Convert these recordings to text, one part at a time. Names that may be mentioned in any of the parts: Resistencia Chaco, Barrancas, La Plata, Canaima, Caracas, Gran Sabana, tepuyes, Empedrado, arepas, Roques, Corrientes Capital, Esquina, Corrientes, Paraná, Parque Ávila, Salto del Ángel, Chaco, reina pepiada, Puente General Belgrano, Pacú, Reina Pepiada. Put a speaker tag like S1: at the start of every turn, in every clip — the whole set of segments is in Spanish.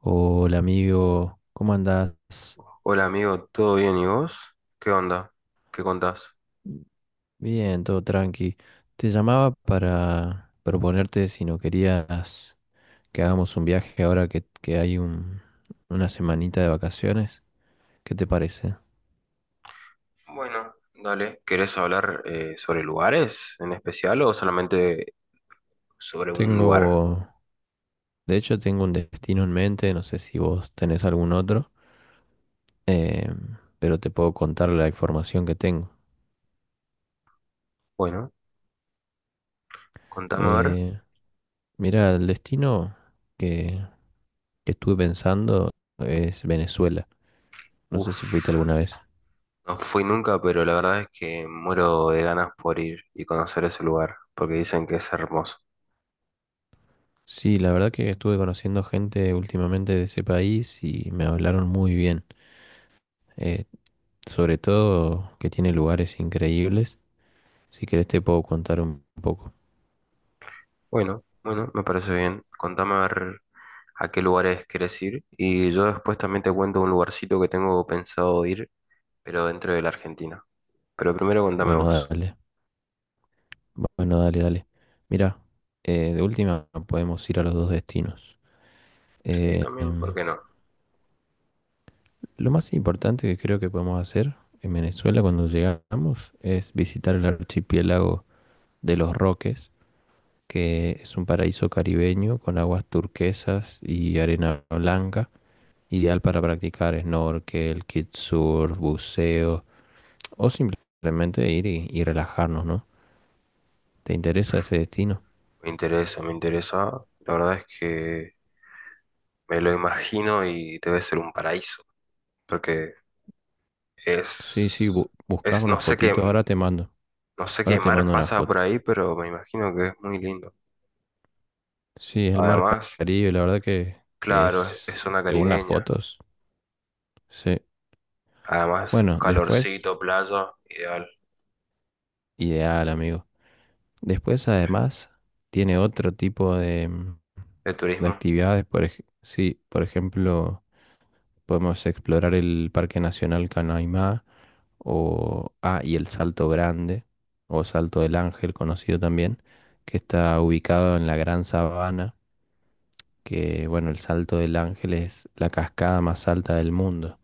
S1: Hola amigo, ¿cómo andás?
S2: Hola amigo, ¿todo bien y vos? ¿Qué onda? ¿Qué contás?
S1: Bien, todo tranqui. Te llamaba para proponerte si no querías que hagamos un viaje ahora que hay una semanita de vacaciones. ¿Qué te parece?
S2: Bueno, dale. ¿Querés hablar sobre lugares en especial o solamente sobre un lugar?
S1: Tengo, de hecho tengo un destino en mente, no sé si vos tenés algún otro, eh, pero te puedo contar la información que tengo.
S2: Bueno, contame a ver.
S1: Eh, mira, el destino que, que estuve pensando es Venezuela. No sé
S2: Uf,
S1: si fuiste alguna vez.
S2: no fui nunca, pero la verdad es que muero de ganas por ir y conocer ese lugar, porque dicen que es hermoso.
S1: Sí, la verdad que estuve conociendo gente últimamente de ese país y me hablaron muy bien. Eh, sobre todo que tiene lugares increíbles. Si querés te puedo contar un poco.
S2: Bueno, bueno, me parece bien. Contame a ver a qué lugares querés ir y yo después también te cuento un lugarcito que tengo pensado ir, pero dentro de la Argentina. Pero primero contame
S1: Bueno,
S2: vos.
S1: dale. Bueno, dale, dale. Mira, de última podemos ir a los dos destinos.
S2: Sí,
S1: Eh,
S2: también, ¿por
S1: em,
S2: qué no?
S1: lo más importante que creo que podemos hacer en Venezuela cuando llegamos es visitar el archipiélago de los Roques, que es un paraíso caribeño con aguas turquesas y arena blanca, ideal para practicar snorkel, kitesurf, buceo o simplemente ir y relajarnos, ¿no? ¿Te interesa ese destino?
S2: Me interesa, me interesa. La verdad es que me lo imagino y debe ser un paraíso, porque
S1: Sí, sí,
S2: es,
S1: buscas una
S2: no sé qué,
S1: fotito,
S2: no sé
S1: ahora
S2: qué
S1: te
S2: mar
S1: mando una
S2: pasa
S1: foto.
S2: por ahí, pero me imagino que es muy lindo.
S1: Sí, es el mar
S2: Además,
S1: Caribe, la verdad que, que
S2: claro, es
S1: es,
S2: zona
S1: según las
S2: caribeña.
S1: fotos, sí.
S2: Además,
S1: Bueno, después,
S2: calorcito, playa, ideal
S1: ideal, amigo. Después, además, tiene otro tipo de,
S2: de
S1: de
S2: turismo.
S1: actividades. Sí, por ejemplo, podemos explorar el Parque Nacional Canaima o y el Salto Grande o Salto del Ángel, conocido también, que está ubicado en la Gran Sabana, que bueno, el Salto del Ángel es la cascada más alta del mundo.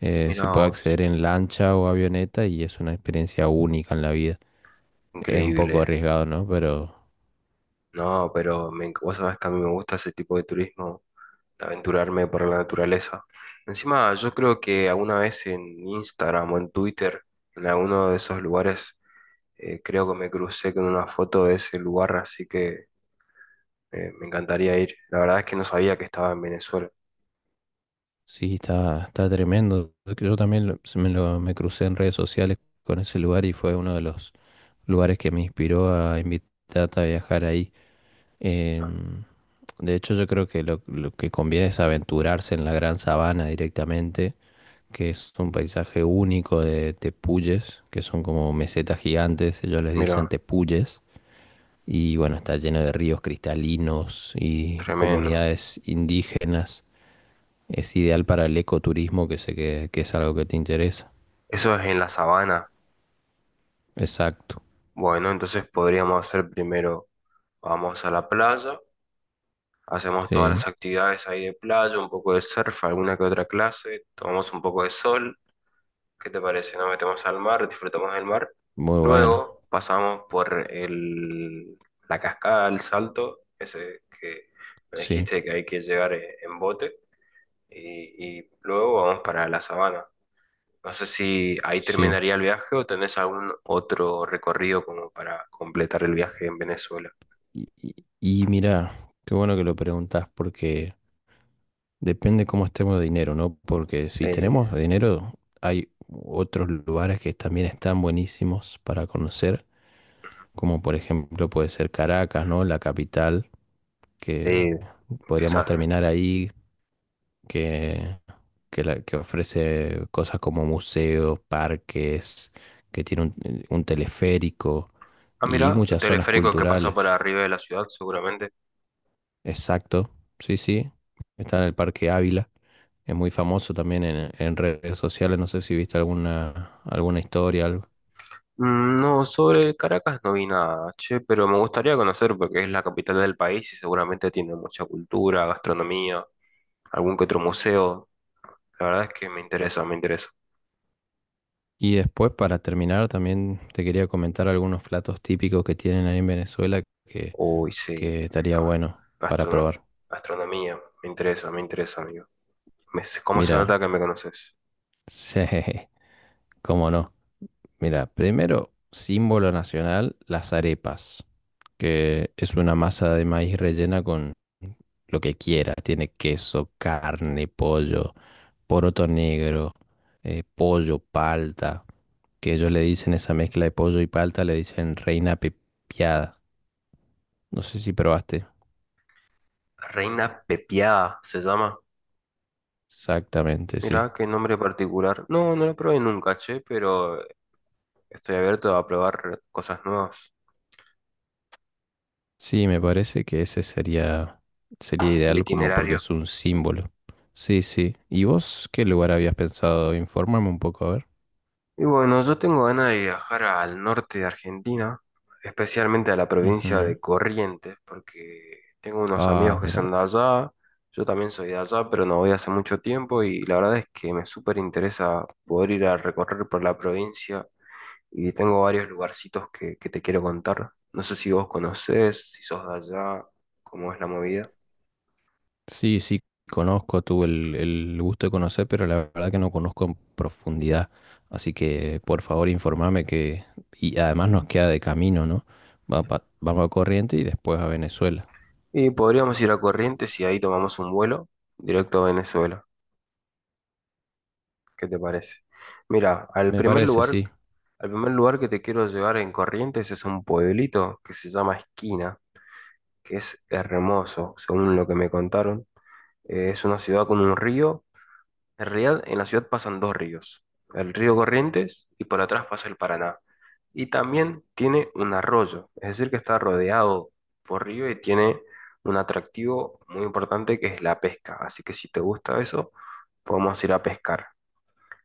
S2: Mira
S1: Se puede
S2: vos,
S1: acceder en lancha o avioneta y es una experiencia única en la vida. Es un
S2: increíble.
S1: poco arriesgado, ¿no? Pero
S2: No, pero vos sabés que a mí me gusta ese tipo de turismo, aventurarme por la naturaleza. Encima, yo creo que alguna vez en Instagram o en Twitter, en alguno de esos lugares, creo que me crucé con una foto de ese lugar, así que me encantaría ir. La verdad es que no sabía que estaba en Venezuela.
S1: sí, está, está tremendo. Yo también me crucé en redes sociales con ese lugar y fue uno de los lugares que me inspiró a invitarte a viajar ahí.
S2: Ah,
S1: Em, de hecho, yo creo que lo que conviene es aventurarse en la Gran Sabana directamente, que es un paisaje único de tepuyes, que son como mesetas gigantes, ellos les
S2: mira,
S1: dicen tepuyes. Y bueno, está lleno de ríos cristalinos y
S2: tremendo.
S1: comunidades indígenas, es ideal para el ecoturismo, que sé que es algo que te interesa.
S2: Eso es en la sabana.
S1: Exacto.
S2: Bueno, entonces podríamos hacer primero, vamos a la playa, hacemos todas
S1: Sí,
S2: las actividades ahí de playa, un poco de surf, alguna que otra clase, tomamos un poco de sol. ¿Qué te parece? Nos metemos al mar, disfrutamos del mar.
S1: muy bueno.
S2: Luego pasamos por la cascada, el salto, ese que me
S1: Sí,
S2: dijiste que hay que llegar en bote. Y luego vamos para la sabana. No sé si ahí
S1: sí.
S2: terminaría el viaje o tenés algún otro recorrido como para completar el viaje en Venezuela.
S1: Y mira, qué bueno que lo preguntas porque depende cómo estemos de dinero, ¿no? Porque si
S2: Sí,
S1: tenemos dinero, hay otros lugares que también están buenísimos para conocer, como por ejemplo puede ser Caracas, ¿no? La capital, que
S2: sí.
S1: podríamos
S2: Esa.
S1: terminar ahí que, que ofrece cosas como museos, parques, que tiene un teleférico
S2: Ah, mira,
S1: y muchas zonas
S2: teleférico que pasa por
S1: culturales.
S2: arriba de la ciudad, seguramente.
S1: Exacto, sí, sí. Está en el Parque Ávila. Es muy famoso también en redes sociales. No sé si viste alguna historia, algo.
S2: Mm, no, sobre Caracas no vi nada, che, pero me gustaría conocer porque es la capital del país y seguramente tiene mucha cultura, gastronomía, algún que otro museo. La verdad es que me interesa, me interesa.
S1: Y después, para terminar, también te quería comentar algunos platos típicos que tienen ahí en Venezuela
S2: Uy, sí.
S1: que estaría
S2: Ah,
S1: bueno para
S2: Gastrono-
S1: probar.
S2: gastronomía, me interesa, amigo. ¿Cómo se
S1: Mira,
S2: nota que me conoces?
S1: sí, cómo no. Mira, primero, símbolo nacional, las arepas, que es una masa de maíz rellena con lo que quiera. Tiene queso, carne, pollo, poroto negro, pollo, palta, que ellos le dicen esa mezcla de pollo y palta, le dicen reina pepiada. No sé si probaste.
S2: Reina Pepiada se llama.
S1: Exactamente, sí.
S2: Mirá, qué nombre particular. No, no lo probé nunca, che, pero estoy abierto a probar cosas nuevas.
S1: Sí, me parece que ese sería, sería
S2: El
S1: ideal como porque
S2: itinerario.
S1: es un símbolo. Sí, sí. ¿Y vos qué lugar habías pensado? Informarme un poco, a ver.
S2: Y bueno, yo tengo ganas de viajar al norte de Argentina, especialmente a la provincia
S1: Ujú.
S2: de Corrientes, porque tengo unos
S1: Ah,
S2: amigos que
S1: mira.
S2: son de allá, yo también soy de allá, pero no voy hace mucho tiempo y la verdad es que me súper interesa poder ir a recorrer por la provincia y tengo varios lugarcitos que te quiero contar. No sé si vos conocés, si sos de allá, cómo es la movida.
S1: Sí, sí, conozco, tuve el gusto de conocer, pero la verdad que no conozco en profundidad. Así que por favor informame que... Y además nos queda de camino, ¿no? Vamos a Corriente y después a Venezuela.
S2: Y podríamos ir a Corrientes y ahí tomamos un vuelo directo a Venezuela. ¿Qué te parece? Mira,
S1: Me parece, sí.
S2: al primer lugar que te quiero llevar en Corrientes es un pueblito que se llama Esquina, que es hermoso, según lo que me contaron. Es una ciudad con un río. En realidad, en la ciudad pasan dos ríos, el río Corrientes y por atrás pasa el Paraná. Y también tiene un arroyo, es decir, que está rodeado por río y tiene un atractivo muy importante que es la pesca. Así que si te gusta eso, podemos ir a pescar.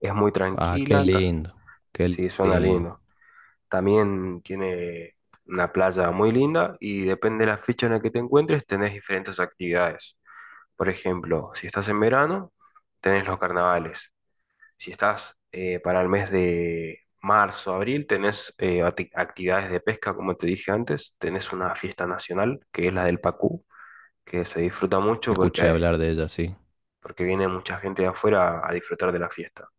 S2: Es muy
S1: Ah, qué
S2: tranquila,
S1: lindo, qué
S2: sí, suena
S1: lindo.
S2: lindo. También tiene una playa muy linda y depende de la fecha en la que te encuentres, tenés diferentes actividades. Por ejemplo, si estás en verano, tenés los carnavales. Si estás para el mes de marzo, abril, tenés actividades de pesca, como te dije antes. Tenés una fiesta nacional, que es la del Pacú, que se disfruta mucho
S1: Escuché
S2: porque,
S1: hablar de ella, sí.
S2: porque viene mucha gente de afuera a disfrutar de la fiesta.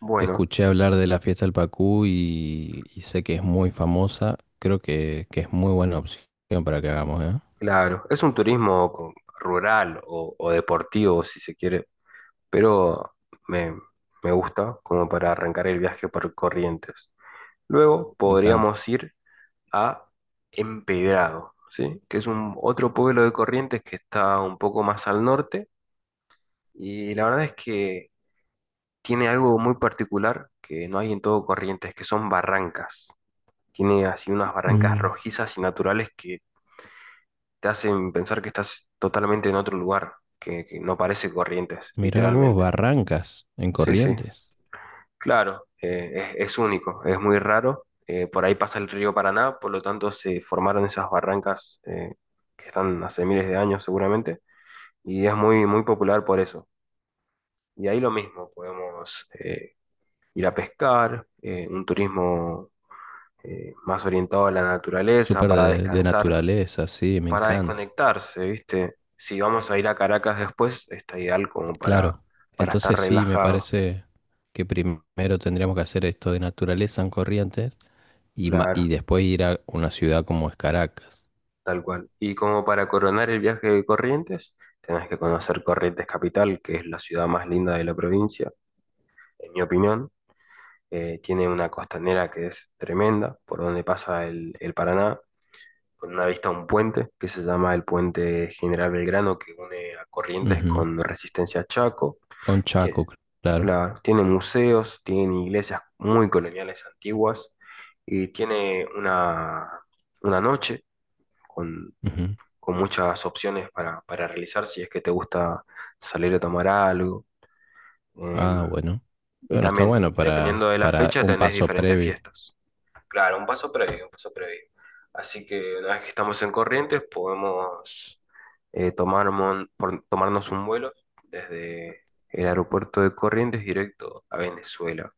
S2: Bueno.
S1: Escuché hablar de la fiesta del Pacú y sé que es muy famosa. Creo que es muy buena opción para que hagamos, ¿eh?
S2: Claro, es un rural o deportivo, si se quiere, pero me, me gusta como para arrancar el viaje por Corrientes. Luego
S1: Me encanta.
S2: podríamos ir a Empedrado, ¿sí? Que es un otro pueblo de Corrientes que está un poco más al norte y la verdad es que tiene algo muy particular que no hay en todo Corrientes, que son barrancas. Tiene así unas barrancas
S1: Mm,
S2: rojizas y naturales que te hacen pensar que estás totalmente en otro lugar, que no parece Corrientes,
S1: mirá vos,
S2: literalmente.
S1: Barrancas, en
S2: Sí, sí,
S1: Corrientes.
S2: claro, es único, es muy raro. Por ahí pasa el río Paraná, por lo tanto se formaron esas barrancas que están hace miles de años seguramente, y es muy, muy popular por eso. Y ahí lo mismo, podemos ir a pescar, un turismo más orientado a la naturaleza
S1: Súper
S2: para
S1: de
S2: descansar,
S1: naturaleza, sí, me
S2: para
S1: encanta.
S2: desconectarse, ¿viste? Si vamos a ir a Caracas después, está ideal como
S1: Claro.
S2: para estar
S1: Entonces sí, me
S2: relajado,
S1: parece que primero tendríamos que hacer esto de naturaleza en Corrientes
S2: claro,
S1: y después ir a una ciudad como es Caracas.
S2: tal cual. Y como para coronar el viaje de Corrientes, tenés que conocer Corrientes Capital, que es la ciudad más linda de la provincia, en mi opinión. Tiene una costanera que es tremenda, por donde pasa el Paraná, con una vista a un puente que se llama el Puente General Belgrano, que une a Corrientes
S1: Ujú.
S2: con Resistencia Chaco.
S1: Con
S2: Que
S1: Chaco, claro.
S2: Claro, tiene museos, tiene iglesias muy coloniales antiguas y tiene una noche con,
S1: Ujú.
S2: con muchas opciones para realizar si es que te gusta salir a tomar algo.
S1: Ah,
S2: em,
S1: bueno.
S2: y
S1: Bueno, está
S2: también,
S1: bueno
S2: dependiendo de la
S1: para
S2: fecha,
S1: un
S2: tenés
S1: paso
S2: diferentes
S1: previo.
S2: fiestas. Claro, un paso previo, un paso previo. Así que una vez que estamos en Corrientes, podemos tomarnos un vuelo desde el aeropuerto de Corrientes directo a Venezuela.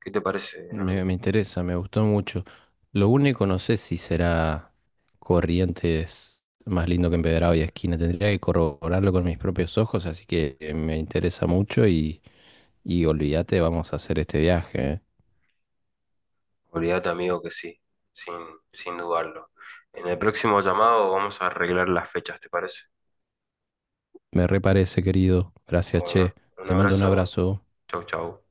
S2: ¿Qué te parece, amigo?
S1: Me interesa, me gustó mucho. Lo único, no sé si será Corrientes más lindo que Empedrado y Esquina. Tendría que corroborarlo con mis propios ojos, así que me interesa mucho y olvídate, vamos a hacer este viaje, ¿eh?
S2: Olvídate, amigo, que sí, sin, sin dudarlo. En el próximo llamado vamos a arreglar las fechas, ¿te parece?
S1: Me reparece, querido. Gracias,
S2: Bueno,
S1: che.
S2: un
S1: Te mando un
S2: abrazo.
S1: abrazo.
S2: Chau, chau.